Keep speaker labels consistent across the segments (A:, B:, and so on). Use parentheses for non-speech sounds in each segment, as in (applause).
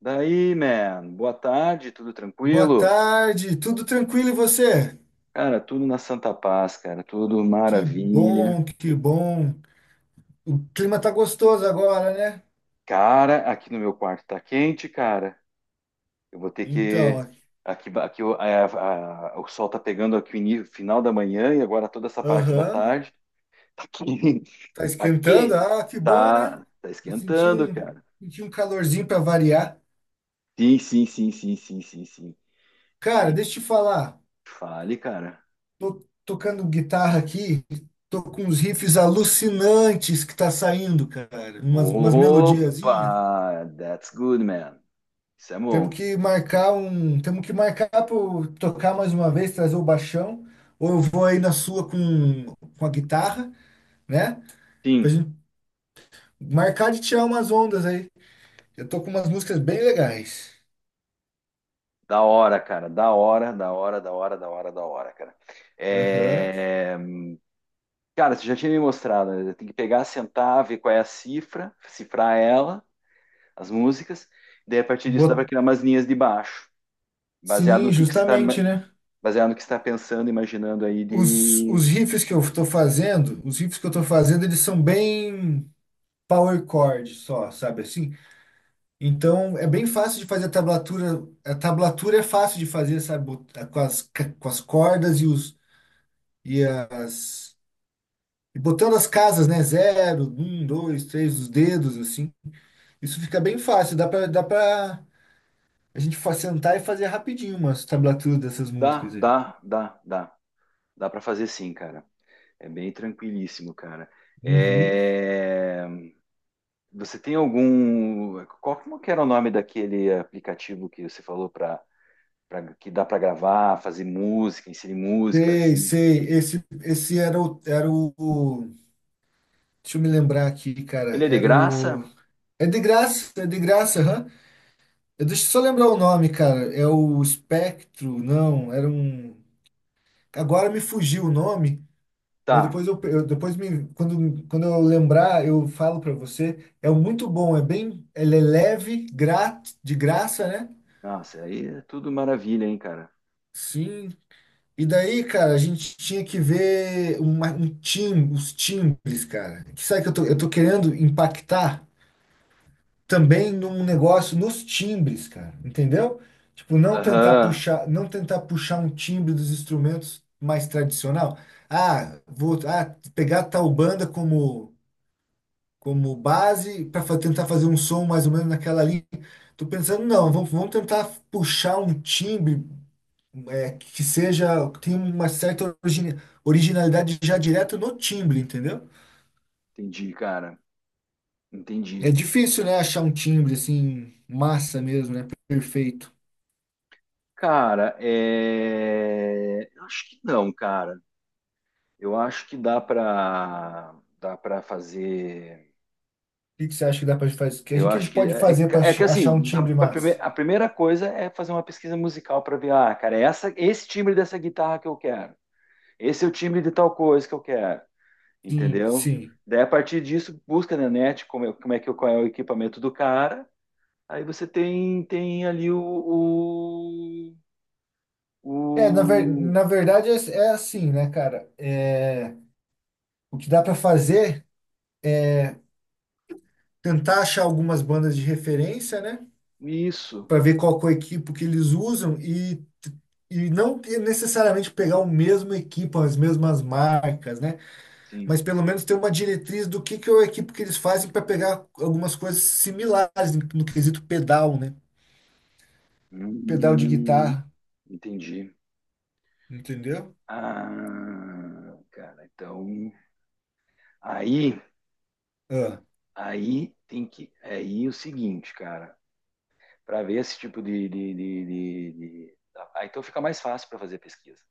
A: Daí, man, boa tarde, tudo
B: Boa
A: tranquilo?
B: tarde, tudo tranquilo e você?
A: Cara, tudo na Santa Paz, cara, tudo
B: Que
A: maravilha.
B: bom, que bom. O clima tá gostoso agora, né?
A: Cara, aqui no meu quarto tá quente, cara. Eu vou ter que.
B: Então,
A: Aqui, aqui o sol tá pegando aqui o final da manhã e agora toda essa parte da
B: aham,
A: tarde. Tá quente, (laughs)
B: tá
A: tá
B: esquentando?
A: quente.
B: Ah, que bom, né?
A: Tá
B: Eu senti
A: esquentando,
B: um,
A: cara.
B: senti um calorzinho para variar.
A: Sim, sim, sim.
B: Cara,
A: Sei.
B: deixa eu te falar,
A: Fale, cara.
B: tô tocando guitarra aqui, tô com uns riffs alucinantes que tá saindo, cara. Umas melodias.
A: Opa, that's good, man. Isso é
B: Temos
A: bom.
B: que marcar um. Temos que marcar para tocar mais uma vez, trazer o baixão. Ou eu vou aí na sua com a guitarra, né? Pra
A: Sim.
B: gente marcar de tirar umas ondas aí. Eu tô com umas músicas bem legais.
A: Da hora, cara. Da hora, da hora, da hora, da hora, da hora, cara.
B: Aham.
A: É, Cara, você já tinha me mostrado, né? Tem que pegar, sentar, ver qual é a cifra, cifrar ela, as músicas, daí a partir disso dá para
B: Bot-
A: criar umas linhas de baixo, baseado
B: Sim,
A: no que você está,
B: justamente, né?
A: baseado no que você está pensando, imaginando aí
B: Os,
A: de.
B: os riffs que eu tô fazendo, eles são bem power chord só, sabe assim? Então é bem fácil de fazer a tablatura. A tablatura é fácil de fazer, sabe? Com as cordas e os e as e botando as casas, né? Zero, um, dois, três, os dedos, assim. Isso fica bem fácil. Dá pra a gente sentar e fazer rapidinho umas tablaturas dessas
A: Dá,
B: músicas aí.
A: dá, dá, dá. Dá para fazer sim, cara. É bem tranquilíssimo, cara.
B: Uhum.
A: É, Você tem algum. Qual como que era o nome daquele aplicativo que você falou para que dá para gravar, fazer música, inserir música,
B: Sei,
A: assim.
B: sei. Esse era o. Deixa eu me lembrar aqui,
A: Ele
B: cara.
A: é de
B: Era o.
A: graça?
B: É de graça, aham. Deixa eu só lembrar o nome, cara. É o Espectro, não, era um. Agora me fugiu o nome, mas
A: Tá.
B: depois eu depois me quando eu lembrar, eu falo para você, é muito bom, é bem, ele é leve, grátis, de graça, né?
A: Nossa, aí é tudo maravilha, hein, cara.
B: Sim. E daí, cara, a gente tinha que ver os timbres, cara. Que sabe que eu tô querendo impactar também num negócio nos timbres, cara. Entendeu? Tipo, não tentar
A: Aham,
B: puxar, não tentar puxar um timbre dos instrumentos mais tradicional. Ah, vou pegar tal banda como base para tentar fazer um som mais ou menos naquela linha. Tô pensando, não, vamos tentar puxar um timbre que seja, que tenha uma certa originalidade já direto no timbre, entendeu?
A: entendi, cara.
B: É
A: Entendi.
B: difícil, né, achar um timbre assim, massa mesmo, né, perfeito. O
A: Cara, eu acho que não, cara. Eu acho que dá para fazer.
B: que que você acha que dá para fazer? O que a
A: Eu
B: gente, que a
A: acho
B: gente
A: que
B: pode
A: é,
B: fazer para
A: é que
B: achar um
A: assim,
B: timbre
A: a
B: massa?
A: a primeira coisa é fazer uma pesquisa musical para ver, ah, cara, é essa, esse timbre dessa guitarra que eu quero. Esse é o timbre de tal coisa que eu quero.
B: Sim,
A: Entendeu?
B: sim.
A: Daí, a partir disso, busca na net como é que, qual é o equipamento do cara. Aí você tem, tem ali
B: É,
A: o-
B: na verdade é assim, né, cara? É, o que dá para fazer tentar achar algumas bandas de referência, né?
A: isso,
B: Para ver qual que é o equipo que eles usam e não ter necessariamente pegar o mesmo equipo, as mesmas marcas, né?
A: sim.
B: Mas pelo menos ter uma diretriz do que é o equipo que eles fazem para pegar algumas coisas similares no quesito pedal, né? Pedal de
A: Hum,
B: guitarra,
A: entendi.
B: entendeu?
A: Ah, cara, então... Aí,
B: Ah,
A: aí tem que... Aí o seguinte, cara. Para ver esse tipo de... Ah, então fica mais fácil para fazer pesquisa.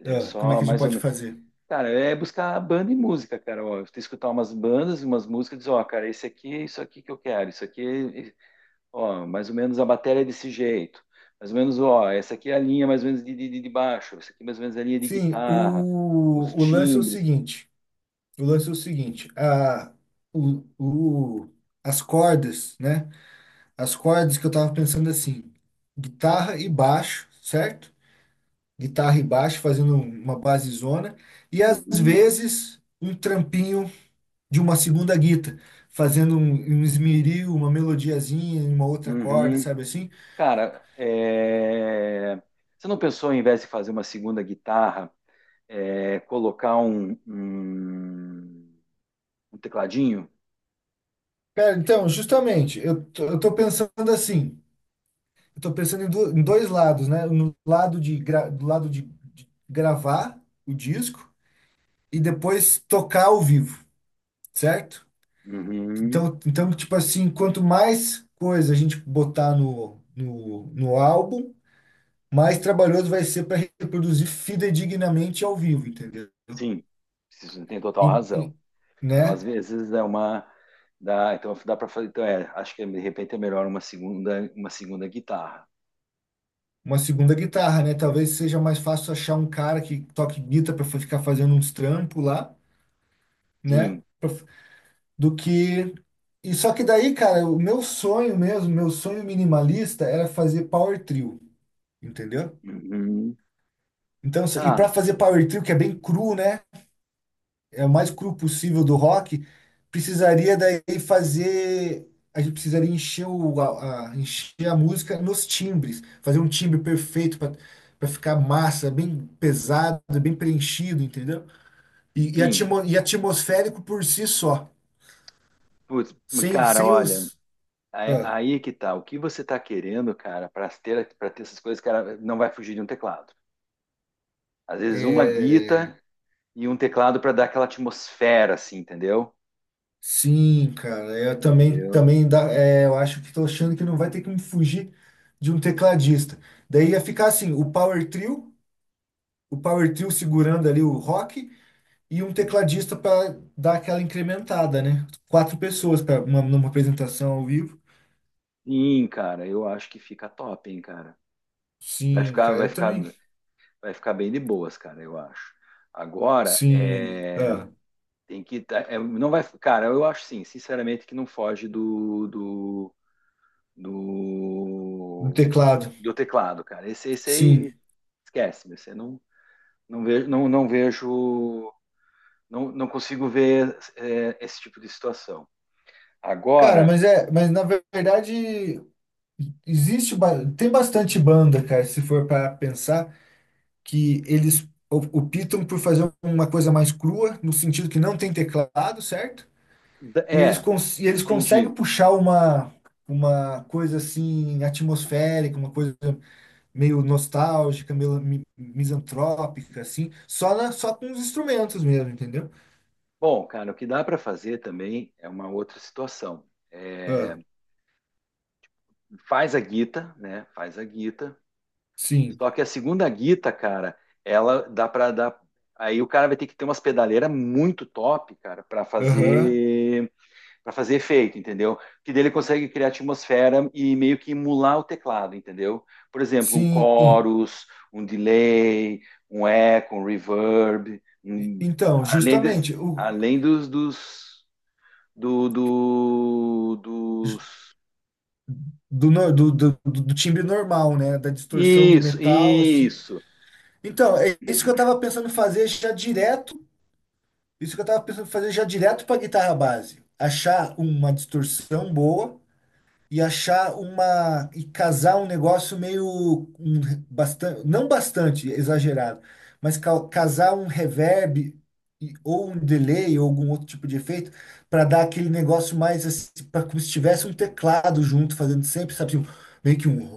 A: É
B: ah, como é
A: só
B: que a gente
A: mais ou
B: pode fazer?
A: Cara, é buscar banda e música, cara. Ó, tu escutar umas bandas e umas músicas, diz, ó, cara, esse aqui é isso aqui que eu quero, isso aqui, é- ó, mais ou menos a bateria é desse jeito, mais ou menos, ó, essa aqui é a linha mais ou menos de, de baixo, essa aqui é mais ou menos é a linha de
B: Sim,
A: guitarra,
B: o,
A: os
B: o lance é o
A: timbres.
B: seguinte. O lance é o seguinte, o, o, as cordas, né? As cordas que eu tava pensando assim, guitarra e baixo, certo? Guitarra e baixo fazendo uma basezona e às
A: Uhum,
B: vezes um trampinho de uma segunda guita, fazendo um esmeril, uma melodiazinha em uma outra corda,
A: uhum.
B: sabe assim?
A: Cara, é... você não pensou, em vez de fazer uma segunda guitarra, colocar um tecladinho?
B: Cara, então, justamente, eu tô pensando assim, eu tô pensando em dois lados, né? No lado de gra- do lado de gravar o disco e depois tocar ao vivo, certo?
A: Uhum.
B: Então, tipo assim, quanto mais coisa a gente botar no álbum, mais trabalhoso vai ser para reproduzir fidedignamente ao vivo, entendeu?
A: Sim, você tem total
B: Em-
A: razão.
B: em-
A: Então, às
B: né?
A: vezes é uma dá, então dá para fazer, então é, acho que de repente é melhor uma segunda guitarra.
B: Uma segunda guitarra, né? Talvez seja mais fácil achar um cara que toque guitarra para ficar fazendo uns trampos lá, né?
A: Sim.
B: Do que. E só que daí, cara, o meu sonho mesmo, meu sonho minimalista era fazer power trio, entendeu?
A: Uhum.
B: Então, e
A: Ah,
B: para fazer power trio, que é bem cru, né? É o mais cru possível do rock, precisaria daí fazer. A gente precisaria encher a música nos timbres, fazer um timbre perfeito para ficar massa, bem pesado, bem preenchido, entendeu? E, e,
A: sim.
B: atimo- e atmosférico por si só,
A: Putz,
B: sem,
A: cara,
B: sem
A: olha,
B: os. ah,
A: aí é que tá. O que você tá querendo, cara, para ter essas coisas, cara, não vai fugir de um teclado. Às vezes uma
B: é,
A: guita e um teclado para dar aquela atmosfera assim, entendeu?
B: sim, cara, eu também,
A: Entendeu?
B: também dá, eu acho que estou achando que não vai ter que me fugir de um tecladista. Daí ia ficar assim, o Power Trio segurando ali o rock e um tecladista para dar aquela incrementada, né? Quatro pessoas para uma, numa apresentação ao vivo.
A: Sim, cara, eu acho que fica top, hein, cara. Vai
B: Sim,
A: ficar,
B: cara,
A: vai
B: eu
A: ficar,
B: também.
A: vai ficar bem de boas, cara, eu acho. Agora,
B: Sim,
A: é Tem que. É, não vai. Cara, eu acho sim, sinceramente, que não foge do. do,
B: no
A: do,
B: teclado.
A: do teclado, cara. Esse aí
B: Sim.
A: esquece, meu. Você não, não vejo, não vejo. Não consigo ver esse tipo de situação.
B: Cara,
A: Agora,
B: mas na verdade tem bastante banda, cara, se for para pensar que eles o optam por fazer uma coisa mais crua, no sentido que não tem teclado, certo? E eles,
A: é,
B: cons e eles
A: entendi.
B: conseguem puxar uma coisa assim atmosférica, uma coisa meio nostálgica, meio misantrópica, assim, só com os instrumentos mesmo, entendeu?
A: Bom, cara, o que dá para fazer também é uma outra situação. É,
B: Ah,
A: faz a guita, né? Faz a guita.
B: sim,
A: Só que a segunda guita, cara, ela dá para dar. Aí o cara vai ter que ter umas pedaleiras muito top, cara,
B: aham,
A: para fazer efeito, entendeu? Que dele consegue criar atmosfera e meio que emular o teclado, entendeu? Por exemplo, um
B: sim.
A: chorus, um delay, um eco, um reverb, um-
B: Então,
A: além, des-
B: justamente, o,
A: além dos
B: ju-
A: dos
B: do, nor- do, do, do do timbre normal, né? Da distorção do metal, assim.
A: isso.
B: Então, é isso que eu tava pensando em fazer já direto. Isso que eu tava pensando em fazer já direto para guitarra base. Achar uma distorção boa, e achar uma e casar um negócio meio um, bastante, não bastante exagerado, mas casar um reverb ou um delay ou algum outro tipo de efeito para dar aquele negócio mais assim, pra, como se tivesse um teclado junto fazendo sempre, sabe, assim, um, meio que um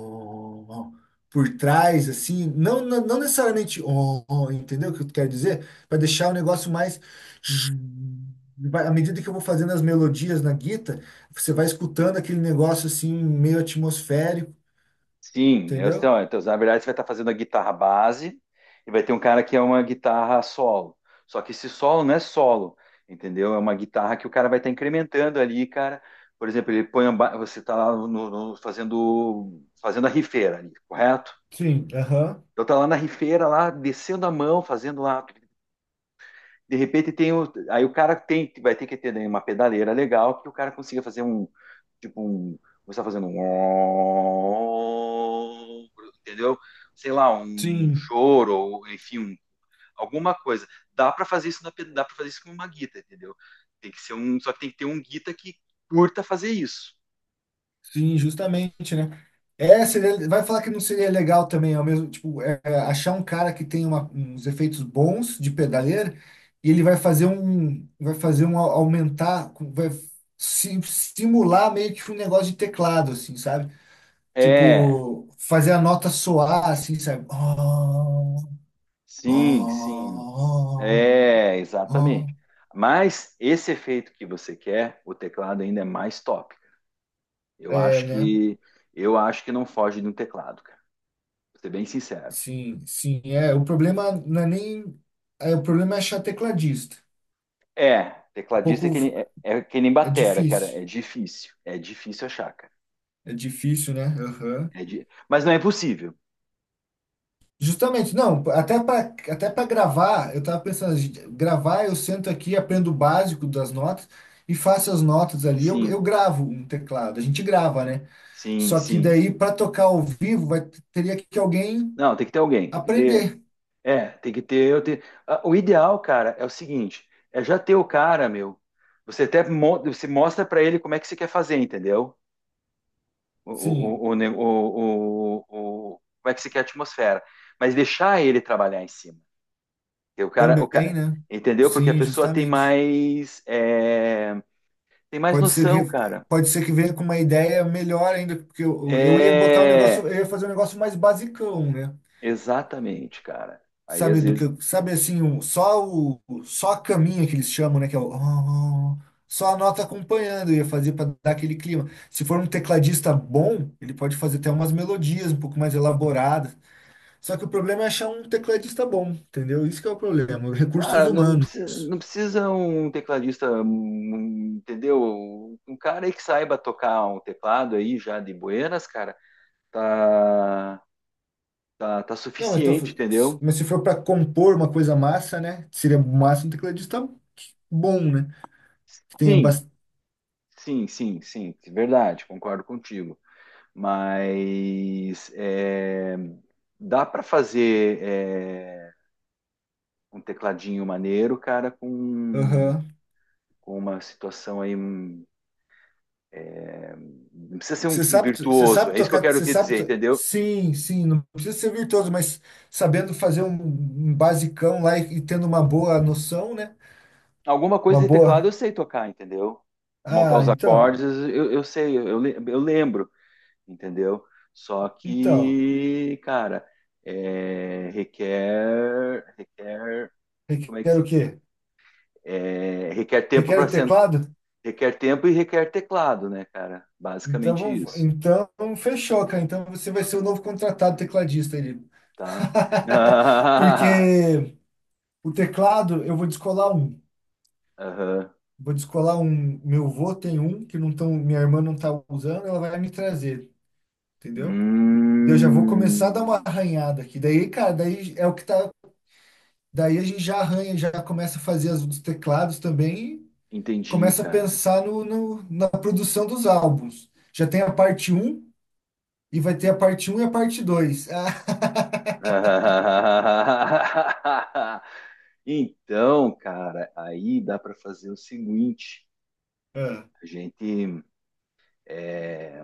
B: ó, ó, por trás assim, não não, não necessariamente ó, ó, entendeu o que eu quero dizer? Para deixar o negócio mais à medida que eu vou fazendo as melodias na guita, você vai escutando aquele negócio assim, meio atmosférico,
A: Sim, é,
B: entendeu?
A: então, então, na verdade você vai estar fazendo a guitarra base e vai ter um cara que é uma guitarra solo. Só que esse solo não é solo, entendeu? É uma guitarra que o cara vai estar incrementando ali, cara. Por exemplo, ele põe a você está lá fazendo a rifeira ali, correto?
B: Sim, aham.
A: Então tá lá na rifeira lá, descendo a mão, fazendo lá de repente tem o, aí o cara tem vai ter que ter uma pedaleira legal que o cara consiga fazer um tipo um você está fazendo um entendeu sei lá um
B: Sim,
A: choro ou enfim um, alguma coisa dá para fazer isso na dá para fazer isso com uma guita entendeu tem que ser um só que tem que ter um guita que curta fazer isso
B: sim, justamente, né? É, vai falar que não seria legal também, ao mesmo, tipo, achar um cara que tem uma, uns efeitos bons de pedaleira e ele vai fazer um aumentar, vai simular meio que um negócio de teclado, assim, sabe?
A: é
B: Tipo, fazer a nota soar, assim, sabe? Oh,
A: sim
B: oh,
A: é
B: oh,
A: exatamente
B: oh.
A: mas esse efeito que você quer o teclado ainda é mais top. Eu
B: É,
A: acho
B: né?
A: que eu acho que não foge de um teclado, cara. Pra ser bem sincero.
B: Sim, sim. É, o problema não é nem. É, o problema é achar tecladista.
A: É,
B: Um
A: tecladista é que
B: pouco.
A: nem, é que nem
B: É
A: batera, cara.
B: difícil.
A: É difícil. É difícil achar, cara.
B: É difícil, né? Aham.
A: Mas não é impossível.
B: Justamente, não, até para gravar, eu tava pensando, gente, gravar, eu sento aqui, aprendo o básico das notas e faço as notas ali, eu,
A: Sim,
B: eu gravo um teclado, a gente grava, né?
A: sim,
B: Só que
A: sim.
B: daí para tocar ao vivo vai, teria que alguém
A: Não, tem que ter alguém. Tem que ter.
B: aprender.
A: É, tem que ter. Eu ter... Ah, o ideal, cara, é o seguinte: é já ter o cara, meu. Você até você mostra pra ele como é que você quer fazer, entendeu?
B: Sim,
A: O, ne- o- como é que você quer a atmosfera. Mas deixar ele trabalhar em cima. O
B: também,
A: cara,
B: né?
A: entendeu? Porque a
B: Sim,
A: pessoa tem
B: justamente.
A: mais, tem mais
B: Pode ser
A: noção,
B: que,
A: cara.
B: pode ser que venha com uma ideia melhor ainda, porque eu ia botar um negócio,
A: É,
B: eu ia fazer um negócio mais basicão, né?
A: exatamente, cara. Aí
B: Sabe
A: às
B: do que,
A: vezes,
B: sabe assim, só a caminha que eles chamam, né? Que é o, (laughs) "Ah", só a nota acompanhando, eu ia fazer para dar aquele clima. Se for um tecladista bom, ele pode fazer até umas melodias um pouco mais elaboradas. Só que o problema é achar um tecladista bom, entendeu? Isso que é o problema, recursos
A: cara,
B: humanos.
A: não precisa um tecladista, entendeu? Um cara aí que saiba tocar um teclado aí já de buenas, cara, tá, tá
B: Não, mas,
A: suficiente, entendeu?
B: mas se for para compor uma coisa massa, né? Seria massa um tecladista bom, né? Que tenha
A: Sim,
B: bastante.
A: sim, verdade, concordo contigo. Mas é, dá para fazer é, um tecladinho maneiro, cara, com uma situação aí. Um- Não precisa ser um
B: Você
A: virtuoso,
B: sabe
A: é isso que eu
B: tocar,
A: quero dizer, entendeu?
B: Sim, sim, não precisa ser virtuoso, mas sabendo fazer um basicão lá e tendo uma boa noção, né?
A: Alguma
B: Uma
A: coisa de teclado
B: boa.
A: eu sei tocar, entendeu? Montar
B: Ah,
A: os acordes
B: então,
A: eu sei, eu, eu lembro, entendeu? Só
B: então.
A: que, cara, é, requer, como é que
B: Requer o
A: se,
B: quê?
A: é, requer tempo
B: Requer
A: para
B: o teclado?
A: Requer tempo e requer teclado, né, cara?
B: Então,
A: Basicamente
B: vamos,
A: isso,
B: então fechou, cara. Então você vai ser o novo contratado tecladista ali.
A: tá?
B: (laughs)
A: (laughs)
B: Porque o teclado, eu vou descolar um.
A: Aham.
B: Vou descolar um. Meu avô tem um que não tão, minha irmã não tá usando, ela vai me trazer, entendeu? Daí eu já vou começar a dar uma
A: Hum,
B: arranhada aqui. Daí, cara, daí é o que tá. Daí a gente já arranha, já começa a fazer as dos teclados também e
A: entendi,
B: começa a
A: cara.
B: pensar no, na produção dos álbuns. Já tem a parte um e vai ter a parte um e a parte dois. (laughs)
A: (laughs) Então, cara, aí dá para fazer o seguinte:
B: Ah, ah,
A: a gente, é,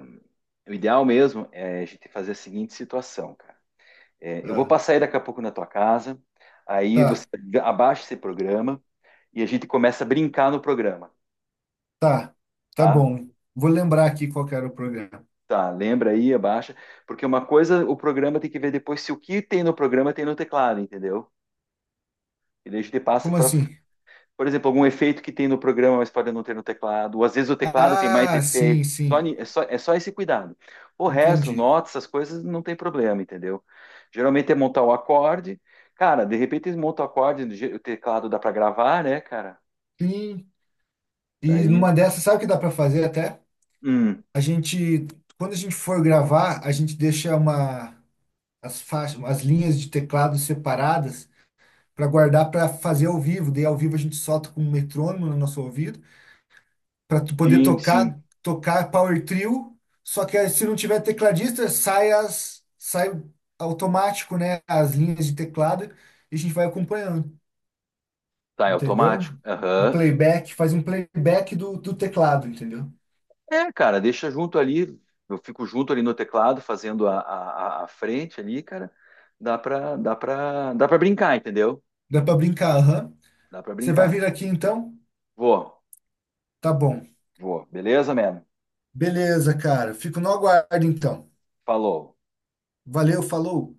A: o ideal mesmo é a gente fazer a seguinte situação, cara. É, eu vou
B: ah.
A: passar aí daqui a pouco na tua casa, aí você
B: Tá,
A: abaixa esse programa e a gente começa a brincar no programa.
B: tá, tá
A: Tá?
B: bom. Vou lembrar aqui qual que era o programa.
A: Tá, lembra aí, abaixa. Porque uma coisa, o programa tem que ver depois se o que tem no programa tem no teclado, entendeu? E daí a gente passa
B: Como
A: para,
B: assim?
A: por exemplo, algum efeito que tem no programa, mas pode não ter no teclado. Ou às vezes o teclado tem mais
B: Ah, sim,
A: efeito. Só,
B: sim.
A: é só, é só esse cuidado. O resto,
B: Entendi.
A: notas, essas coisas, não tem problema, entendeu? Geralmente é montar o acorde. Cara, de repente eles montam o acorde, o teclado dá para gravar, né, cara?
B: Sim. E
A: Daí,
B: numa dessas, sabe o que dá para fazer até?
A: hum,
B: A gente, quando a gente for gravar, a gente deixa uma as faixas, as linhas de teclado separadas para guardar para fazer ao vivo. Daí ao vivo a gente solta com um metrônomo no nosso ouvido para tu poder
A: sim.
B: tocar power trio. Só que aí, se não tiver tecladista, sai automático, né, as linhas de teclado e a gente vai acompanhando.
A: Tá, é
B: Entendeu?
A: automático.
B: Um
A: Aham.
B: playback, faz um playback do teclado, entendeu?
A: É, cara, deixa junto ali, eu fico junto ali no teclado, fazendo a frente ali, cara. Dá pra brincar, entendeu?
B: Dá pra brincar, aham.
A: Dá pra
B: Você vai
A: brincar.
B: vir aqui então?
A: Vou,
B: Tá bom.
A: vou. Beleza, mano?
B: Beleza, cara. Fico no aguardo então.
A: Falou.
B: Valeu, falou.